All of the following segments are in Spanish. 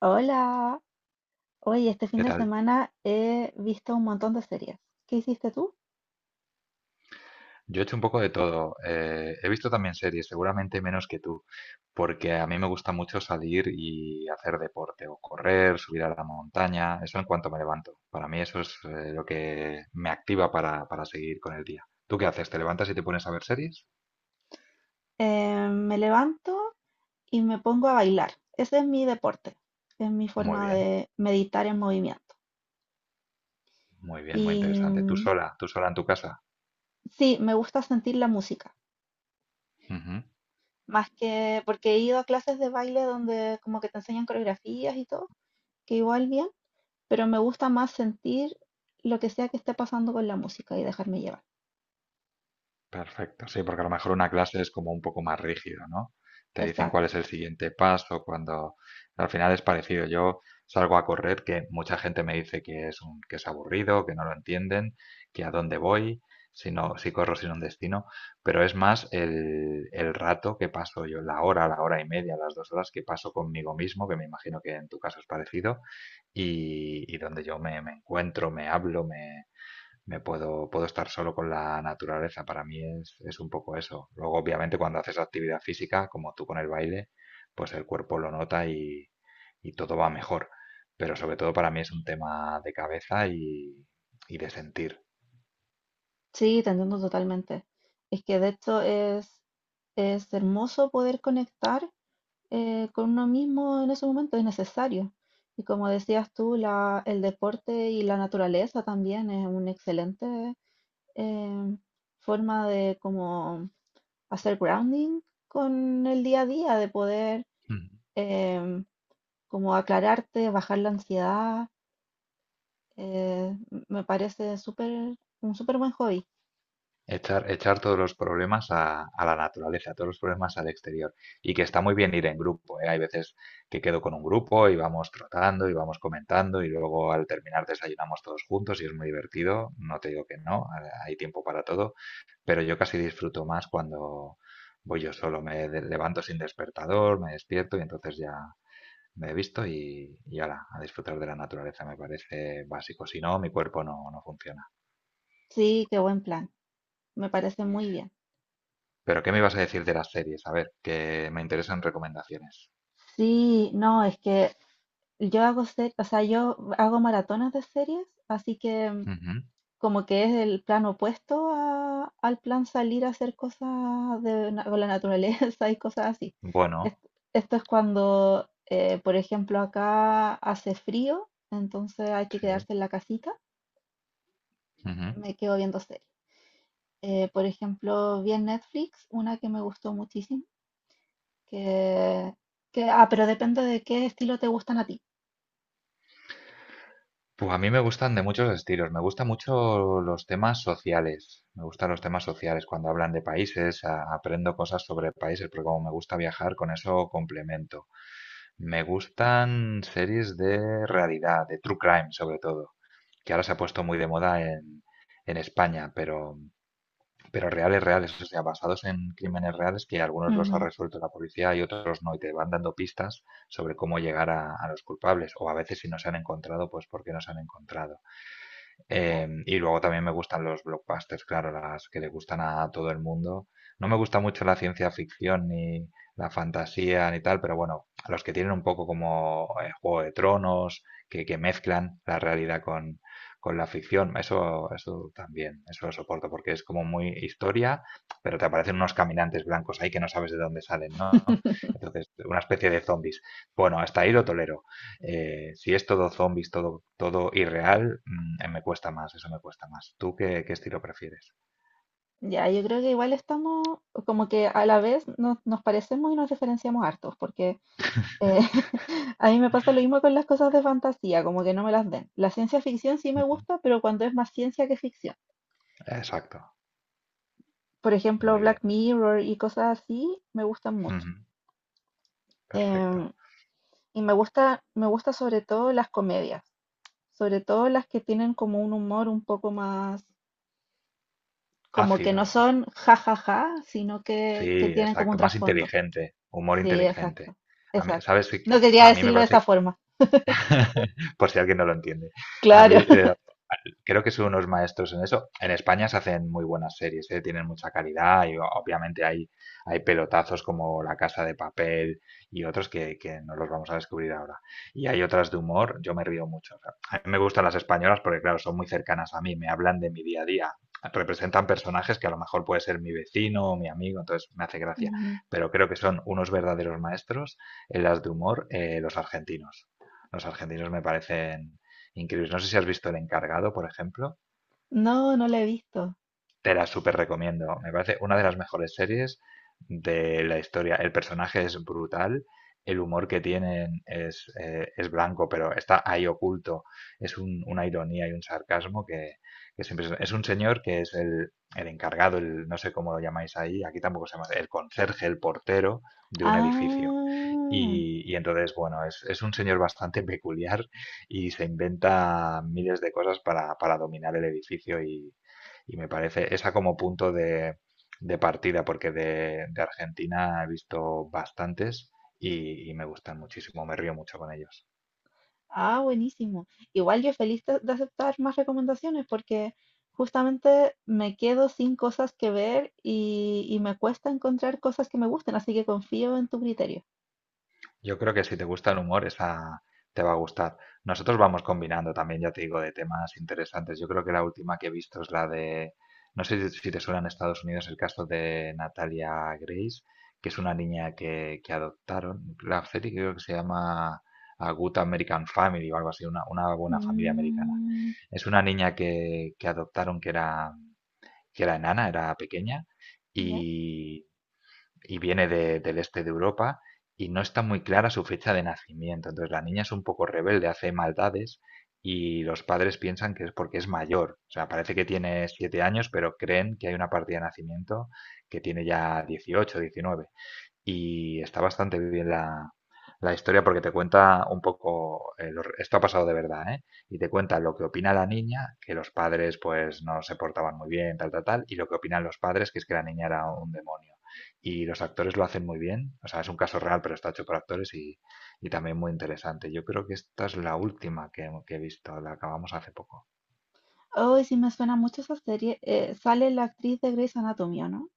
Hola, oye, este fin ¿Qué de tal? semana he visto un montón de series. ¿Qué hiciste tú? Yo he hecho un poco de todo. He visto también series, seguramente menos que tú, porque a mí me gusta mucho salir y hacer deporte o correr, subir a la montaña, eso en cuanto me levanto. Para mí eso es lo que me activa para seguir con el día. ¿Tú qué haces? ¿Te levantas y te pones a ver series? Me levanto y me pongo a bailar. Ese es mi deporte, es mi Muy forma bien, de meditar en movimiento. muy bien, muy Y interesante. ¿Tú mm, sola? ¿Tú sola en tu casa? sí, me gusta sentir la música, Ujú. más que porque he ido a clases de baile donde como que te enseñan coreografías y todo, que igual bien, pero me gusta más sentir lo que sea que esté pasando con la música y dejarme llevar. Perfecto, sí, porque a lo mejor una clase es como un poco más rígido, ¿no? Te dicen cuál Exacto. es el siguiente paso, cuando al final es parecido. Yo salgo a correr, que mucha gente me dice que es aburrido, que no lo entienden, que a dónde voy, si no, si corro sin un destino, pero es más el rato que paso yo, la hora y media, las 2 horas que paso conmigo mismo, que me imagino que en tu caso es parecido, y donde yo me encuentro, me hablo, me puedo estar solo con la naturaleza. Para mí es un poco eso. Luego, obviamente, cuando haces actividad física, como tú con el baile, pues el cuerpo lo nota y todo va mejor. Pero sobre todo para mí es un tema de cabeza y de sentir. Sí, te entiendo totalmente. Es que de hecho Es hermoso poder conectar con uno mismo en ese momento, es necesario. Y como decías tú, el deporte y la naturaleza también es una excelente eh, forma de como hacer grounding con el día a día, de poder Mm. em, como aclararte, bajar la ansiedad. Me parece un súper buen hobby. Echar todos los problemas a la naturaleza, todos los problemas al exterior. Y que está muy bien ir en grupo, ¿eh? Hay veces que quedo con un grupo y vamos tratando y vamos comentando y luego al terminar desayunamos todos juntos y es muy divertido. No te digo que no, hay tiempo para todo, pero yo casi disfruto más cuando voy yo solo. Me levanto sin despertador, me despierto y entonces ya me he visto y ala, a disfrutar de la naturaleza me parece básico. Si no, mi cuerpo no funciona. Sí, qué buen plan. Me parece muy bien. Pero, ¿qué me ibas a decir de las series? A ver, que me interesan recomendaciones. Sí, no, es que yo hago maratones de series, así que mm, Ujú. como que es el plan opuesto al plan salir a hacer cosas con la naturaleza y cosas así. Es- Bueno, Esto, es cuando, por ejemplo, acá hace frío, entonces hay que sí. quedarse en la casita, Ujú. me quedo viendo series. Por ejemplo, vi en Netflix una que me gustó muchísimo, que, ah, pero depende de qué estilo te gustan a ti. Pues a mí me gustan de muchos estilos. Me gustan mucho los temas sociales. Me gustan los temas sociales. Cuando hablan de países, aprendo cosas sobre países, porque como me gusta viajar, con eso complemento. Me gustan series de realidad, de true crime sobre todo, que ahora se ha puesto muy de moda en España, pero reales, reales, o sea, basados en crímenes reales que algunos los ha Ujú, resuelto la policía y otros no, y te van dando pistas sobre cómo llegar a los culpables, o a veces si no se han encontrado, pues por qué no se han encontrado. claro. Y luego también me gustan los blockbusters, claro, las que le gustan a todo el mundo. No me gusta mucho la ciencia ficción ni la fantasía ni tal, pero bueno, a los que tienen un poco como Juego de Tronos, que mezclan la realidad con la ficción, eso también, eso lo soporto, porque es como muy historia, pero te aparecen unos caminantes blancos ahí que no sabes de dónde salen, ¿no? Entonces, una especie de zombies. Bueno, hasta ahí lo tolero. Si es todo zombies, todo irreal, me cuesta más, eso me cuesta más. ¿Tú qué estilo prefieres? Ya, yo creo que igual estamos como que a la vez nos parecemos y nos diferenciamos hartos, porque eh, a mí me pasa lo mismo con las cosas de fantasía, como que no me las den. La ciencia ficción sí me Ujú. gusta, pero cuando es más ciencia que ficción. Exacto, Por ejemplo, muy Black bien. Mirror y cosas así me gustan mucho. Ujú. Em, Perfecto. y me gusta sobre todo las comedias, sobre todo las que tienen como un humor un poco más, como que Ácido, no son jajaja, sino que sí, tienen como un exacto. Más trasfondo. inteligente, humor Sí, inteligente. exacto, A mí, exacto. ¿sabes? No quería A mí me decirlo de esa parece, forma. por si alguien no lo entiende, a Claro. mí creo que son unos maestros en eso. En España se hacen muy buenas series, ¿eh? Tienen mucha calidad y obviamente hay pelotazos como La Casa de Papel y otros que no los vamos a descubrir ahora. Y hay otras de humor, yo me río mucho. O sea, a mí me gustan las españolas porque, claro, son muy cercanas a mí, me hablan de mi día a día, representan personajes que a lo mejor puede ser mi vecino o mi amigo, entonces me hace gracia. Ujú. Pero creo que son unos verdaderos maestros en las de humor los argentinos. Los argentinos me parecen increíbles. No sé si has visto El Encargado, por ejemplo. No, no la he visto. Te la súper recomiendo. Me parece una de las mejores series de la historia. El personaje es brutal. El humor que tienen es blanco, pero está ahí oculto. Es una ironía y un sarcasmo que es impresionante. Es un señor que es el encargado, el, no sé cómo lo llamáis ahí, aquí tampoco se llama, el conserje, el portero de un edificio Ah, y entonces, bueno, es un señor bastante peculiar y se inventa miles de cosas para dominar el edificio y me parece esa como punto de partida, porque de Argentina he visto bastantes y me gustan muchísimo, me río mucho con ellos. ah, buenísimo. Igual yo feliz de aceptar más recomendaciones porque justamente me quedo sin cosas que ver y me cuesta encontrar cosas que me gusten, así que confío en tu criterio. Yo creo que si te gusta el humor, esa te va a gustar. Nosotros vamos combinando también, ya te digo, de temas interesantes. Yo creo que la última que he visto es la de, no sé si te suena en Estados Unidos el caso de Natalia Grace, que es una niña que adoptaron. La serie creo que se llama A Good American Family o algo así, una buena familia americana. Mm, Es una niña que adoptaron que era enana, era pequeña ya. y viene del este de Europa y no está muy clara su fecha de nacimiento. Entonces la niña es un poco rebelde, hace maldades y los padres piensan que es porque es mayor. O sea, parece que tiene 7 años, pero creen que hay una partida de nacimiento que tiene ya 18 19 y está bastante bien la historia porque te cuenta un poco, esto ha pasado de verdad, ¿eh? Y te cuenta lo que opina la niña, que los padres pues no se portaban muy bien, tal, tal, tal, y lo que opinan los padres, que es que la niña era un demonio. Y los actores lo hacen muy bien, o sea, es un caso real, pero está hecho por actores y también muy interesante. Yo creo que esta es la última que he visto, la acabamos hace poco. Oh, sí me suena mucho esa serie. Sale la actriz de Grey's Anatomy, ¿o no?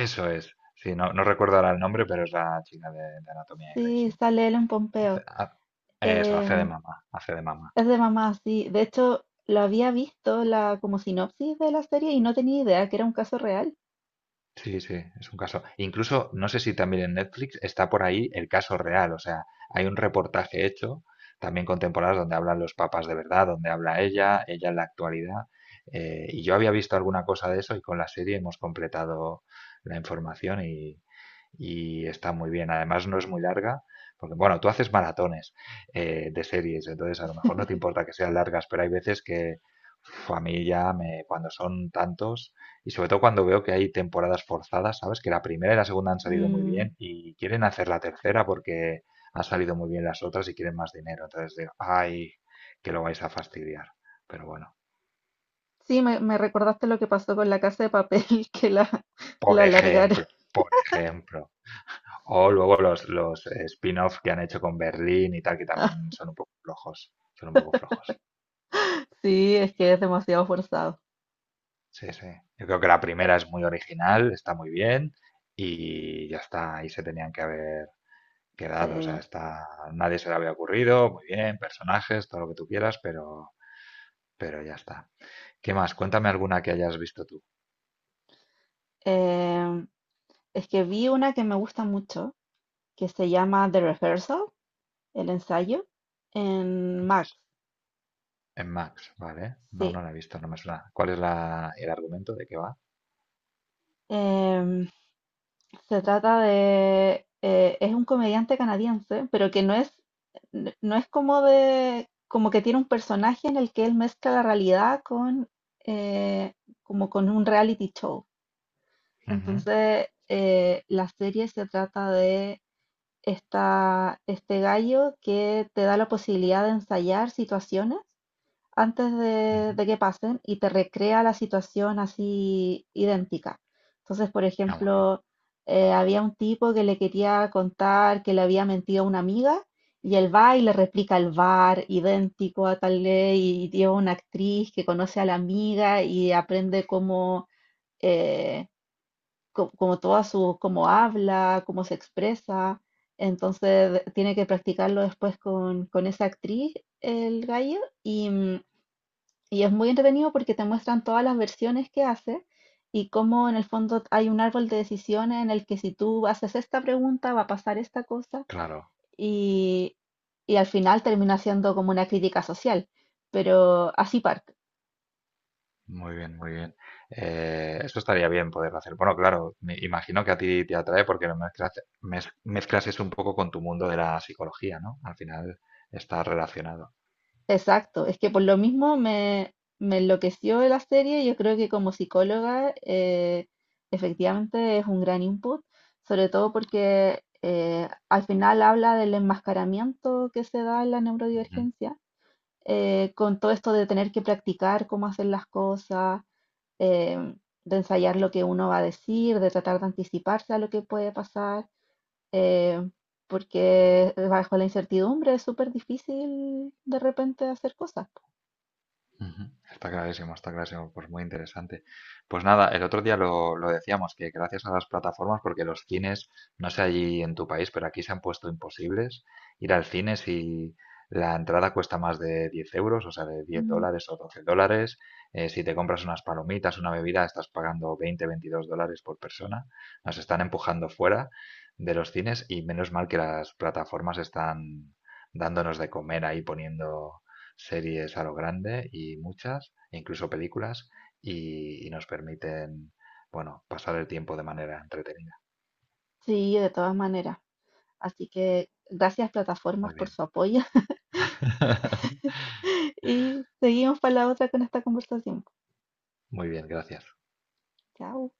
Eso es, sí, no, no recuerdo ahora el nombre, pero es la chica de Anatomía de Grey, Sí, sí. sale Ellen Hace- Pompeo. ha- Eso, hace de mamá, hace de mamá. Es de mamá, sí. De hecho, lo había visto la como sinopsis de la serie y no tenía idea que era un caso real. Sí, sí, es un caso. Incluso, no sé si también en Netflix está por ahí el caso real, o sea, hay un reportaje hecho, también con temporadas donde hablan los papás de verdad, donde habla ella en la actualidad, y yo había visto alguna cosa de eso y con la serie hemos completado la información y está muy bien. Además, no es muy larga, porque bueno, tú haces maratones de series, entonces a lo mejor no te importa que sean largas, pero hay veces que uf, a mí ya me, cuando son tantos, y sobre todo cuando veo que hay temporadas forzadas, ¿sabes? Que la primera y la segunda han salido muy Mm, bien y quieren hacer la tercera porque han salido muy bien las otras y quieren más dinero. Entonces digo, ay, que lo vais a fastidiar. Pero bueno, sí, me recordaste lo que pasó con La Casa de Papel, que por la alargaron. ejemplo, por ejemplo. O luego los spin-off que han hecho con Berlín y tal, que también son un poco flojos. Son un poco flojos. Sí, es que es demasiado forzado. Sí, sí. Yo creo que la primera es muy original, está muy bien y ya está. Ahí se tenían que haber quedado, o sea, Sí. está, nadie se le había ocurrido, muy bien, personajes, todo lo que tú quieras, pero, ya está. ¿Qué más? Cuéntame alguna que hayas visto tú Em, es que vi una que me gusta mucho, que se llama The Rehearsal, el ensayo, en Max. en Max, ¿vale? No, Sí. no la he visto, no me suena. ¿Cuál es el argumento de qué va? Em, Se trata de... es un comediante canadiense, pero que no es, n- no es como de... como que tiene un personaje en el que él mezcla la realidad con... eh, como con un reality show. Ujú, Entonces, la serie se trata de este gallo que te da la posibilidad de ensayar situaciones antes ujú. de que pasen y te recrea la situación así idéntica. Entonces, por Ah, muy bien, ejemplo, había un tipo que le quería contar que le había mentido a una amiga y él va y le replica el bar idéntico a tal ley y lleva una actriz que conoce a la amiga y aprende cómo, eh, como toda su, cómo habla, cómo se expresa. Entonces tiene que practicarlo después con esa actriz, el gallo, y, mm, y es muy entretenido porque te muestran todas las versiones que hace y cómo en el fondo hay un árbol de decisiones en el que si tú haces esta pregunta va a pasar esta cosa claro, y, y al final termina siendo como una crítica social. Pero así Park, muy bien, muy bien. Esto estaría bien poderlo hacer. Bueno, claro, me imagino que a ti te atrae porque lo mezclas, mezclas eso un poco con tu mundo de la psicología, ¿no? Al final está relacionado. exacto, es que por lo mismo me enloqueció la serie. Yo creo que como psicóloga efectivamente es un gran input, sobre todo porque al final habla del enmascaramiento que se da en la neurodivergencia con todo esto de tener que practicar cómo hacer las cosas, em, de ensayar lo que uno va a decir, de tratar de anticiparse a lo que puede pasar, em, porque bajo la incertidumbre es súper difícil de repente hacer cosas. Po. Ujú. Está clarísimo, pues muy interesante. Pues nada, el otro día lo decíamos, que gracias a las plataformas, porque los cines, no sé allí en tu país, pero aquí se han puesto imposibles ir al cine si la entrada cuesta más de 10 euros, o sea, de diez Mm. dólares o 12 dólares. Si te compras unas palomitas, una bebida, estás pagando 20 22 dólares por persona. Nos están empujando fuera de los cines y menos mal que las plataformas están dándonos de comer ahí poniendo series a lo grande y muchas, e incluso películas, y nos permiten, bueno, pasar el tiempo de manera entretenida. Sí, de todas maneras. Así que gracias plataformas Muy por bien. su apoyo y seguimos para la otra con esta conversación. Muy bien, gracias. Chao.